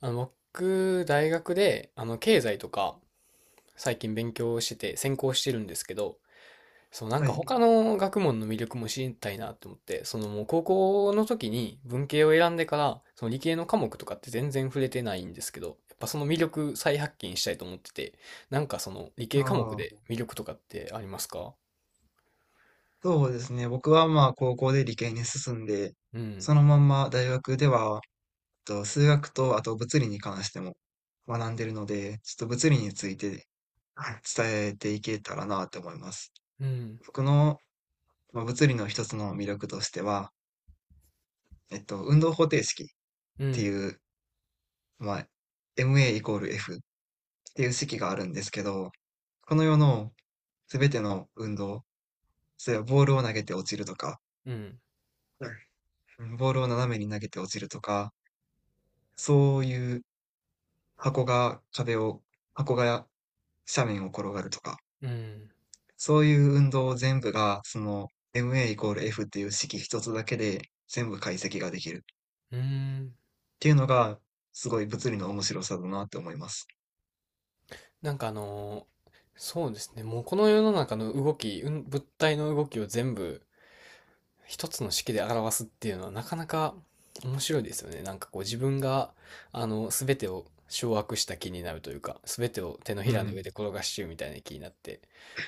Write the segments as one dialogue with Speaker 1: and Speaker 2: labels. Speaker 1: 僕、大学で、経済とか、最近勉強してて、専攻してるんですけど、そう、なん
Speaker 2: は
Speaker 1: か
Speaker 2: い。
Speaker 1: 他の学問の魅力も知りたいなって思って、そのもう高校の時に文系を選んでから、その理系の科目とかって全然触れてないんですけど、やっぱその魅力再発見したいと思ってて、なんかその理
Speaker 2: あ
Speaker 1: 系科目
Speaker 2: あ、
Speaker 1: で魅力とかってありますか？
Speaker 2: そうですね。僕はまあ高校で理系に進んで、
Speaker 1: うん、
Speaker 2: そのまんま大学では、数学とあと物理に関しても学んでるので、ちょっと物理について、はい、伝えていけたらなと思います。
Speaker 1: うん、
Speaker 2: 僕の、まあ、物理の一つの魅力としては、運動方程式っ
Speaker 1: う
Speaker 2: て
Speaker 1: ん、
Speaker 2: いう、まあ、MA イコール F っていう式があるんですけど、この世のすべての運動、それはボールを投げて落ちるとか、
Speaker 1: うん、
Speaker 2: ボールを斜めに投げて落ちるとか、そういう箱が壁を、箱が斜面を転がるとか、
Speaker 1: うん、
Speaker 2: そういう運動全部が、その MA イコール F っていう式一つだけで全部解析ができるっ
Speaker 1: うん、
Speaker 2: ていうのが、すごい物理の面白さだなって思います。
Speaker 1: なんかそうですね。もうこの世の中の動き、うん、物体の動きを全部一つの式で表すっていうのはなかなか面白いですよね。なんかこう自分が、すべてを掌握した気になるというか、すべてを手のひ
Speaker 2: う
Speaker 1: らの上
Speaker 2: ん。
Speaker 1: で転がしちゅうみたいな気になって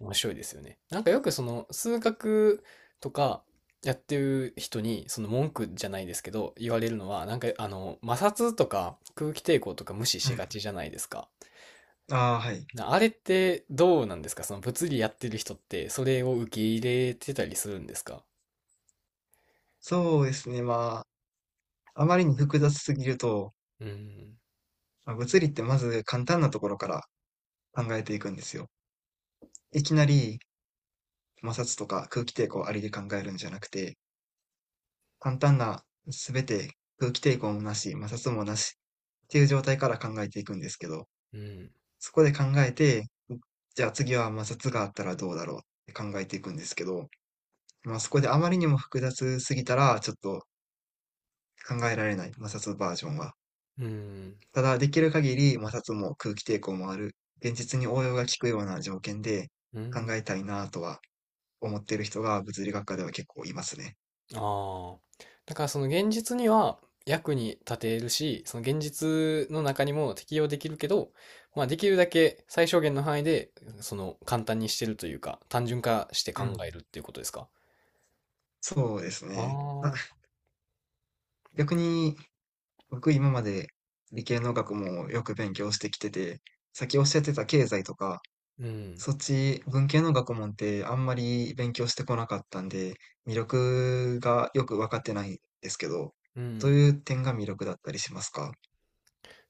Speaker 1: 面白いですよね。なんかよくその数学とかやってる人に、その文句じゃないですけど、言われるのは、なんか摩擦とか空気抵抗とか無視
Speaker 2: は
Speaker 1: しが
Speaker 2: い。
Speaker 1: ちじゃないですか。
Speaker 2: ああ、はい。
Speaker 1: なあれってどうなんですか？その物理やってる人ってそれを受け入れてたりするんですか？
Speaker 2: そうですね。まあ、あまりに複雑すぎると、
Speaker 1: うん、
Speaker 2: まあ物理ってまず簡単なところから考えていくんですよ。いきなり摩擦とか空気抵抗ありで考えるんじゃなくて、簡単な全て空気抵抗もなし、摩擦もなしっていう状態から考えていくんですけど、
Speaker 1: うん、
Speaker 2: そこで考えて、じゃあ次は摩擦があったらどうだろうって考えていくんですけど、まあ、そこであまりにも複雑すぎたらちょっと考えられない、摩擦バージョンは。
Speaker 1: うん、
Speaker 2: ただできる限り摩擦も空気抵抗もある、現実に応用が効くような条件で
Speaker 1: う
Speaker 2: 考
Speaker 1: ん。
Speaker 2: えたいなとは思っている人が物理学科では結構いますね。
Speaker 1: ああ。だからその現実には役に立てるし、その現実の中にも適用できるけど、まあできるだけ最小限の範囲で、その簡単にしてるというか、単純化して
Speaker 2: う
Speaker 1: 考
Speaker 2: ん、
Speaker 1: えるっていうことですか？
Speaker 2: そうです
Speaker 1: ああ
Speaker 2: ね。あ、
Speaker 1: ー、
Speaker 2: 逆に僕今まで理系の学問をよく勉強してきてて、さっきおっしゃってた経済とか、
Speaker 1: うん、
Speaker 2: そっち文系の学問ってあんまり勉強してこなかったんで、魅力がよく分かってないんですけど、
Speaker 1: う
Speaker 2: どう
Speaker 1: ん。
Speaker 2: いう点が魅力だったりしますか？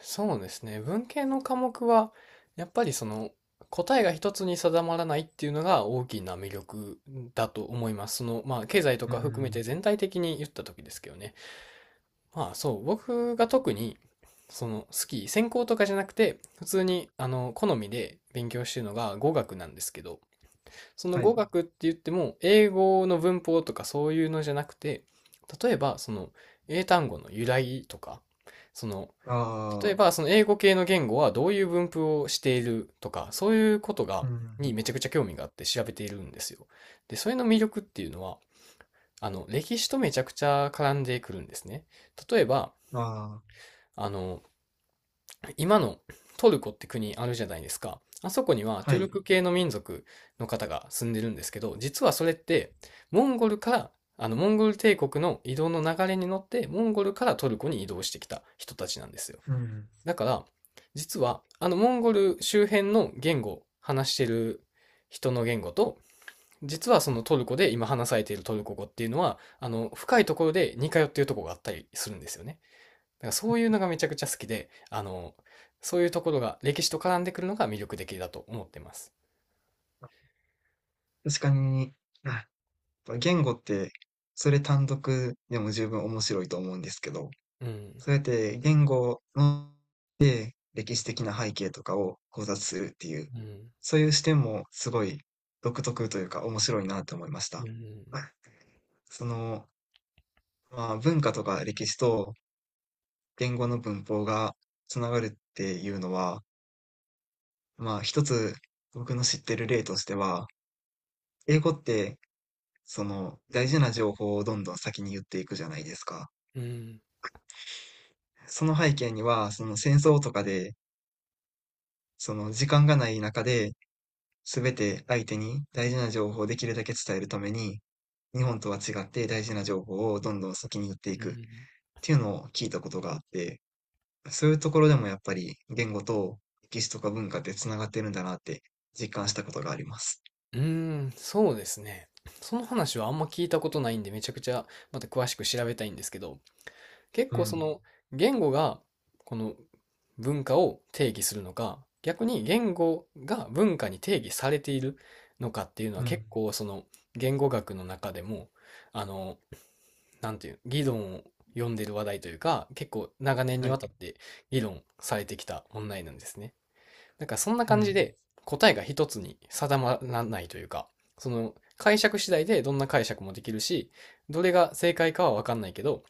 Speaker 1: そうですね。文系の科目は、やっぱりその答えが一つに定まらないっていうのが大きな魅力だと思います。その、まあ、経済と
Speaker 2: う
Speaker 1: か含めて
Speaker 2: ん。
Speaker 1: 全体的に言った時ですけどね。まあ、そう、僕が特に、その、専攻とかじゃなくて、普通に、好みで勉強してるのが語学なんですけど、その
Speaker 2: は
Speaker 1: 語
Speaker 2: い。
Speaker 1: 学って言っても、英語の文法とかそういうのじゃなくて、例えば、その、英単語の由来とか、その、例え
Speaker 2: ああ、
Speaker 1: ば、その英語系の言語はどういう分布をしているとか、そういうことが、
Speaker 2: う
Speaker 1: に
Speaker 2: ん。
Speaker 1: めちゃくちゃ興味があって調べているんですよ。で、それの魅力っていうのは、歴史とめちゃくちゃ絡んでくるんですね。例えば、
Speaker 2: ああ、
Speaker 1: あの、今のトルコって国あるじゃないですか。あそこにはト
Speaker 2: は
Speaker 1: ゥル
Speaker 2: い。
Speaker 1: ク系の民族の方が住んでるんですけど、実はそれって、モンゴルから、モンゴル帝国の移動の流れに乗って、モンゴルからトルコに移動してきた人たちなんですよ。
Speaker 2: うん。
Speaker 1: だから、実は、モンゴル周辺の言語、話してる人の言語と、実はそのトルコで今話されているトルコ語っていうのは、深いところで似通っているところがあったりするんですよね。だからそういうのがめちゃくちゃ好きで、そういうところが歴史と絡んでくるのが魅力的だと思ってます。
Speaker 2: 確かに、あ、言語って、それ単独でも十分面白いと思うんですけど、
Speaker 1: うん、
Speaker 2: そうやって言語の歴史的な背景とかを考察するっていう、
Speaker 1: うん、
Speaker 2: そういう視点もすごい独特というか面白いなと思いました。
Speaker 1: うん、
Speaker 2: はい。その、まあ、文化とか歴史と言語の文法がつながるっていうのは、まあ、一つ僕の知ってる例としては、英語ってその大事な情報をどんどん先に言っていくじゃないですか。
Speaker 1: うん、
Speaker 2: その背景には、その戦争とかで、その時間がない中で、すべて相手に大事な情報をできるだけ伝えるために、日本とは違って大事な情報をどんどん先に言ってい
Speaker 1: う
Speaker 2: くっ
Speaker 1: ん、
Speaker 2: ていうのを聞いたことがあって、そういうところでもやっぱり言語と歴史とか文化ってつながってるんだなって実感したことがあります。
Speaker 1: うん、そうですね。その話はあんま聞いたことないんで、めちゃくちゃまた詳しく調べたいんですけど、結
Speaker 2: う
Speaker 1: 構そ
Speaker 2: ん、
Speaker 1: の言語がこの文化を定義するのか、逆に言語が文化に定義されているのかっていうのは
Speaker 2: う
Speaker 1: 結
Speaker 2: ん、
Speaker 1: 構その言語学の中でも、あの、なんていう、議論を呼んでる話題というか、結構長年
Speaker 2: は
Speaker 1: にわ
Speaker 2: い、
Speaker 1: たって議論されてきた問題なんですね。なんかそんな
Speaker 2: う
Speaker 1: 感じ
Speaker 2: ん、
Speaker 1: で答えが一つに定まらないというか、その解釈次第でどんな解釈もできるし、どれが正解かはわかんないけど、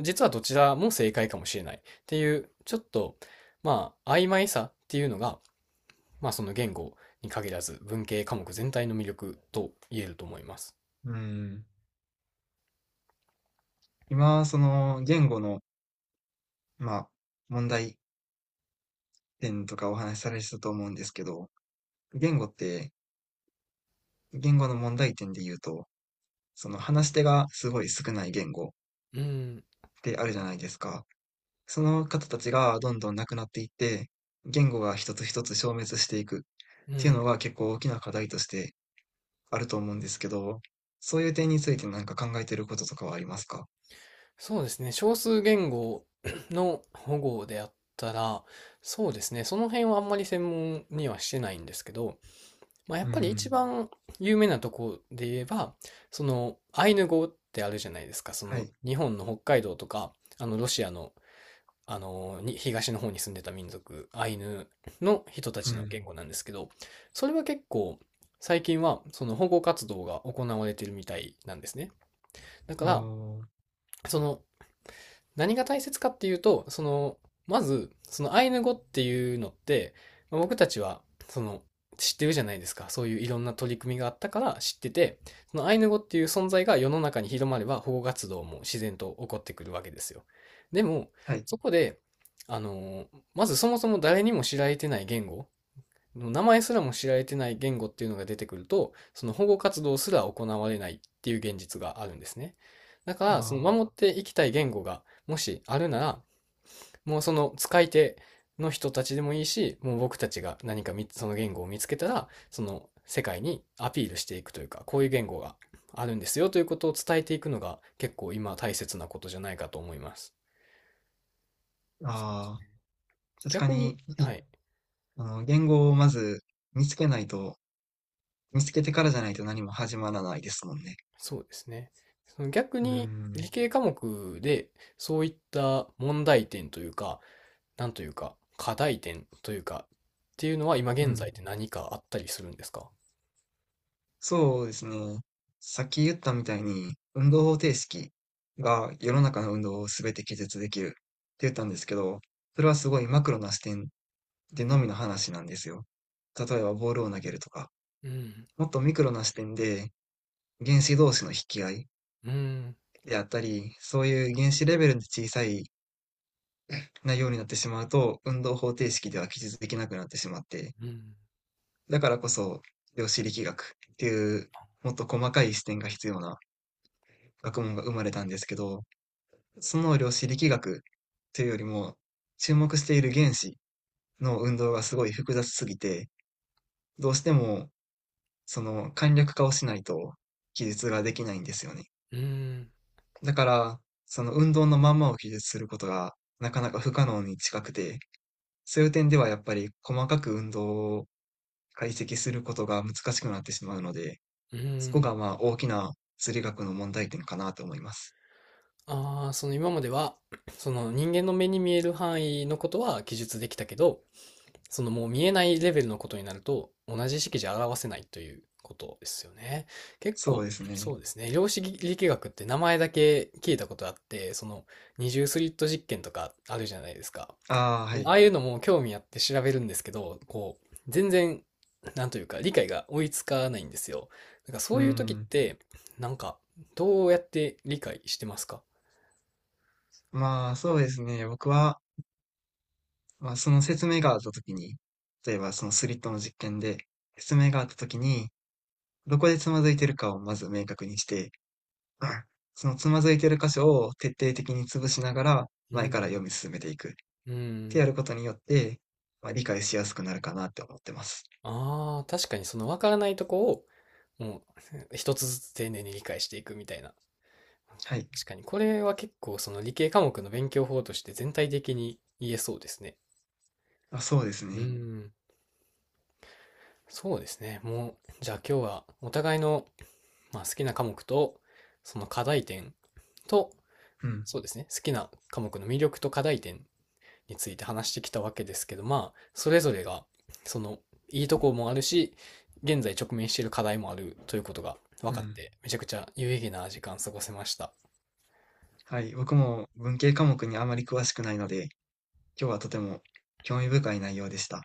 Speaker 1: 実はどちらも正解かもしれないっていう、ちょっと、まあ、曖昧さっていうのが、まあその言語に限らず文系科目全体の魅力と言えると思います。
Speaker 2: うん。今、その言語の、まあ、問題点とかお話しされてたと思うんですけど、言語って、言語の問題点で言うと、その話し手がすごい少ない言語
Speaker 1: うん、
Speaker 2: ってあるじゃないですか。その方たちがどんどんなくなっていって、言語が一つ一つ消滅していくっ
Speaker 1: う
Speaker 2: ていうの
Speaker 1: ん。
Speaker 2: は結構大きな課題としてあると思うんですけど、そういう点について何か考えてることとかはありますか？
Speaker 1: そうですね。少数言語 の保護であったら、そうですね。その辺はあんまり専門にはしてないんですけど、まあ、や
Speaker 2: う
Speaker 1: っぱり一
Speaker 2: ん、
Speaker 1: 番有名なとこで言えば、そのアイヌ語ってあるじゃないですか。そ
Speaker 2: は
Speaker 1: の
Speaker 2: い、
Speaker 1: 日本の北海道とか、あのロシアの、あのに東の方に住んでた民族、アイヌの人た
Speaker 2: う
Speaker 1: ちの
Speaker 2: ん、
Speaker 1: 言語なんですけど、それは結構最近はその保護活動が行われているみたいなんですね。だから、
Speaker 2: あ
Speaker 1: その何が大切かっていうと、その、まず、そのアイヌ語っていうのって、まあ僕たちは、その、知ってるじゃないですか。そういういろんな取り組みがあったから知ってて、そのアイヌ語っていう存在が世の中に広まれば保護活動も自然と起こってくるわけですよ。でも、
Speaker 2: あ、はい、
Speaker 1: そこで、あの、まずそもそも誰にも知られてない言語、名前すらも知られてない言語っていうのが出てくると、その保護活動すら行われないっていう現実があるんですね。だから、その
Speaker 2: あ
Speaker 1: 守っていきたい言語がもしあるなら、もうその使い手の人たちでもいいし、もう僕たちが何かみその言語を見つけたら、その世界にアピールしていくというか、こういう言語があるんですよということを伝えていくのが結構今大切なことじゃないかと思います。
Speaker 2: あ、ああ、確か
Speaker 1: 逆に、
Speaker 2: に、う
Speaker 1: は
Speaker 2: ん、
Speaker 1: い。
Speaker 2: 言語をまず見つけないと見つけてからじゃないと何も始まらないですもんね。
Speaker 1: そうですね。その逆
Speaker 2: う
Speaker 1: に理
Speaker 2: ん、
Speaker 1: 系科目でそういった問題点というか、なんというか、課題点というか、っていうのは今
Speaker 2: う
Speaker 1: 現在
Speaker 2: ん。
Speaker 1: で何かあったりするんですか？
Speaker 2: そうですね。さっき言ったみたいに、運動方程式が世の中の運動を全て記述できるって言ったんですけど、それはすごいマクロな視点で
Speaker 1: う
Speaker 2: のみ
Speaker 1: ん、
Speaker 2: の話なんですよ。例えばボールを投げるとか、
Speaker 1: うん、
Speaker 2: もっとミクロな視点で原子同士の引き合い
Speaker 1: うん、
Speaker 2: であったり、そういう原子レベルで小さい内容になってしまうと、運動方程式では記述できなくなってしまって、
Speaker 1: うん、
Speaker 2: だからこそ量子力学っていうもっと細かい視点が必要な学問が生まれたんですけど、その量子力学というよりも、注目している原子の運動がすごい複雑すぎて、どうしてもその簡略化をしないと記述ができないんですよね。
Speaker 1: うん、
Speaker 2: だから、その運動のまんまを記述することがなかなか不可能に近くて、そういう点ではやっぱり細かく運動を解析することが難しくなってしまうので、
Speaker 1: う
Speaker 2: そこが
Speaker 1: ん。
Speaker 2: まあ大きな物理学の問題点かなと思います。
Speaker 1: ああ、その今までは、その人間の目に見える範囲のことは記述できたけど、そのもう見えないレベルのことになると、同じ式じゃ表せないということですよね。結
Speaker 2: そう
Speaker 1: 構、
Speaker 2: ですね。
Speaker 1: そうですね。量子力学って名前だけ聞いたことあって、その二重スリット実験とかあるじゃないですか。
Speaker 2: ああ、は
Speaker 1: あ
Speaker 2: い。
Speaker 1: あいうのも興味あって調べるんですけど、こう、全然、なんというか、理解が追いつかないんですよ。だからそ
Speaker 2: う
Speaker 1: ういう時っ
Speaker 2: ん。
Speaker 1: て、なんか、どうやって理解してますか？
Speaker 2: まあそうですね。僕はまあ、その説明があったときに、例えばそのスリットの実験で説明があったときに、どこでつまずいてるかをまず明確にして、そのつまずいてる箇所を徹底的に潰しながら
Speaker 1: う
Speaker 2: 前
Speaker 1: ん。
Speaker 2: から読み進めていくっ
Speaker 1: う
Speaker 2: てや
Speaker 1: ん。
Speaker 2: ることによって、まあ、理解しやすくなるかなって思ってます。
Speaker 1: ああ、確かにその分からないとこを、もう 一つずつ丁寧に理解していくみたいな。
Speaker 2: はい。
Speaker 1: 確かにこれは結構その理系科目の勉強法として全体的に言えそうですね。
Speaker 2: あ、そうです
Speaker 1: うー
Speaker 2: ね。
Speaker 1: ん、そうですね。もう、じゃあ今日はお互いの、まあ、好きな科目と、その課題点と、
Speaker 2: うん。
Speaker 1: そうですね、好きな科目の魅力と課題点について話してきたわけですけど、まあ、それぞれが、その、いいとこもあるし、現在直面している課題もあるということが分
Speaker 2: う
Speaker 1: かっ
Speaker 2: ん。
Speaker 1: て、めちゃくちゃ有意義な時間過ごせました。
Speaker 2: はい。僕も文系科目にあまり詳しくないので、今日はとても興味深い内容でした。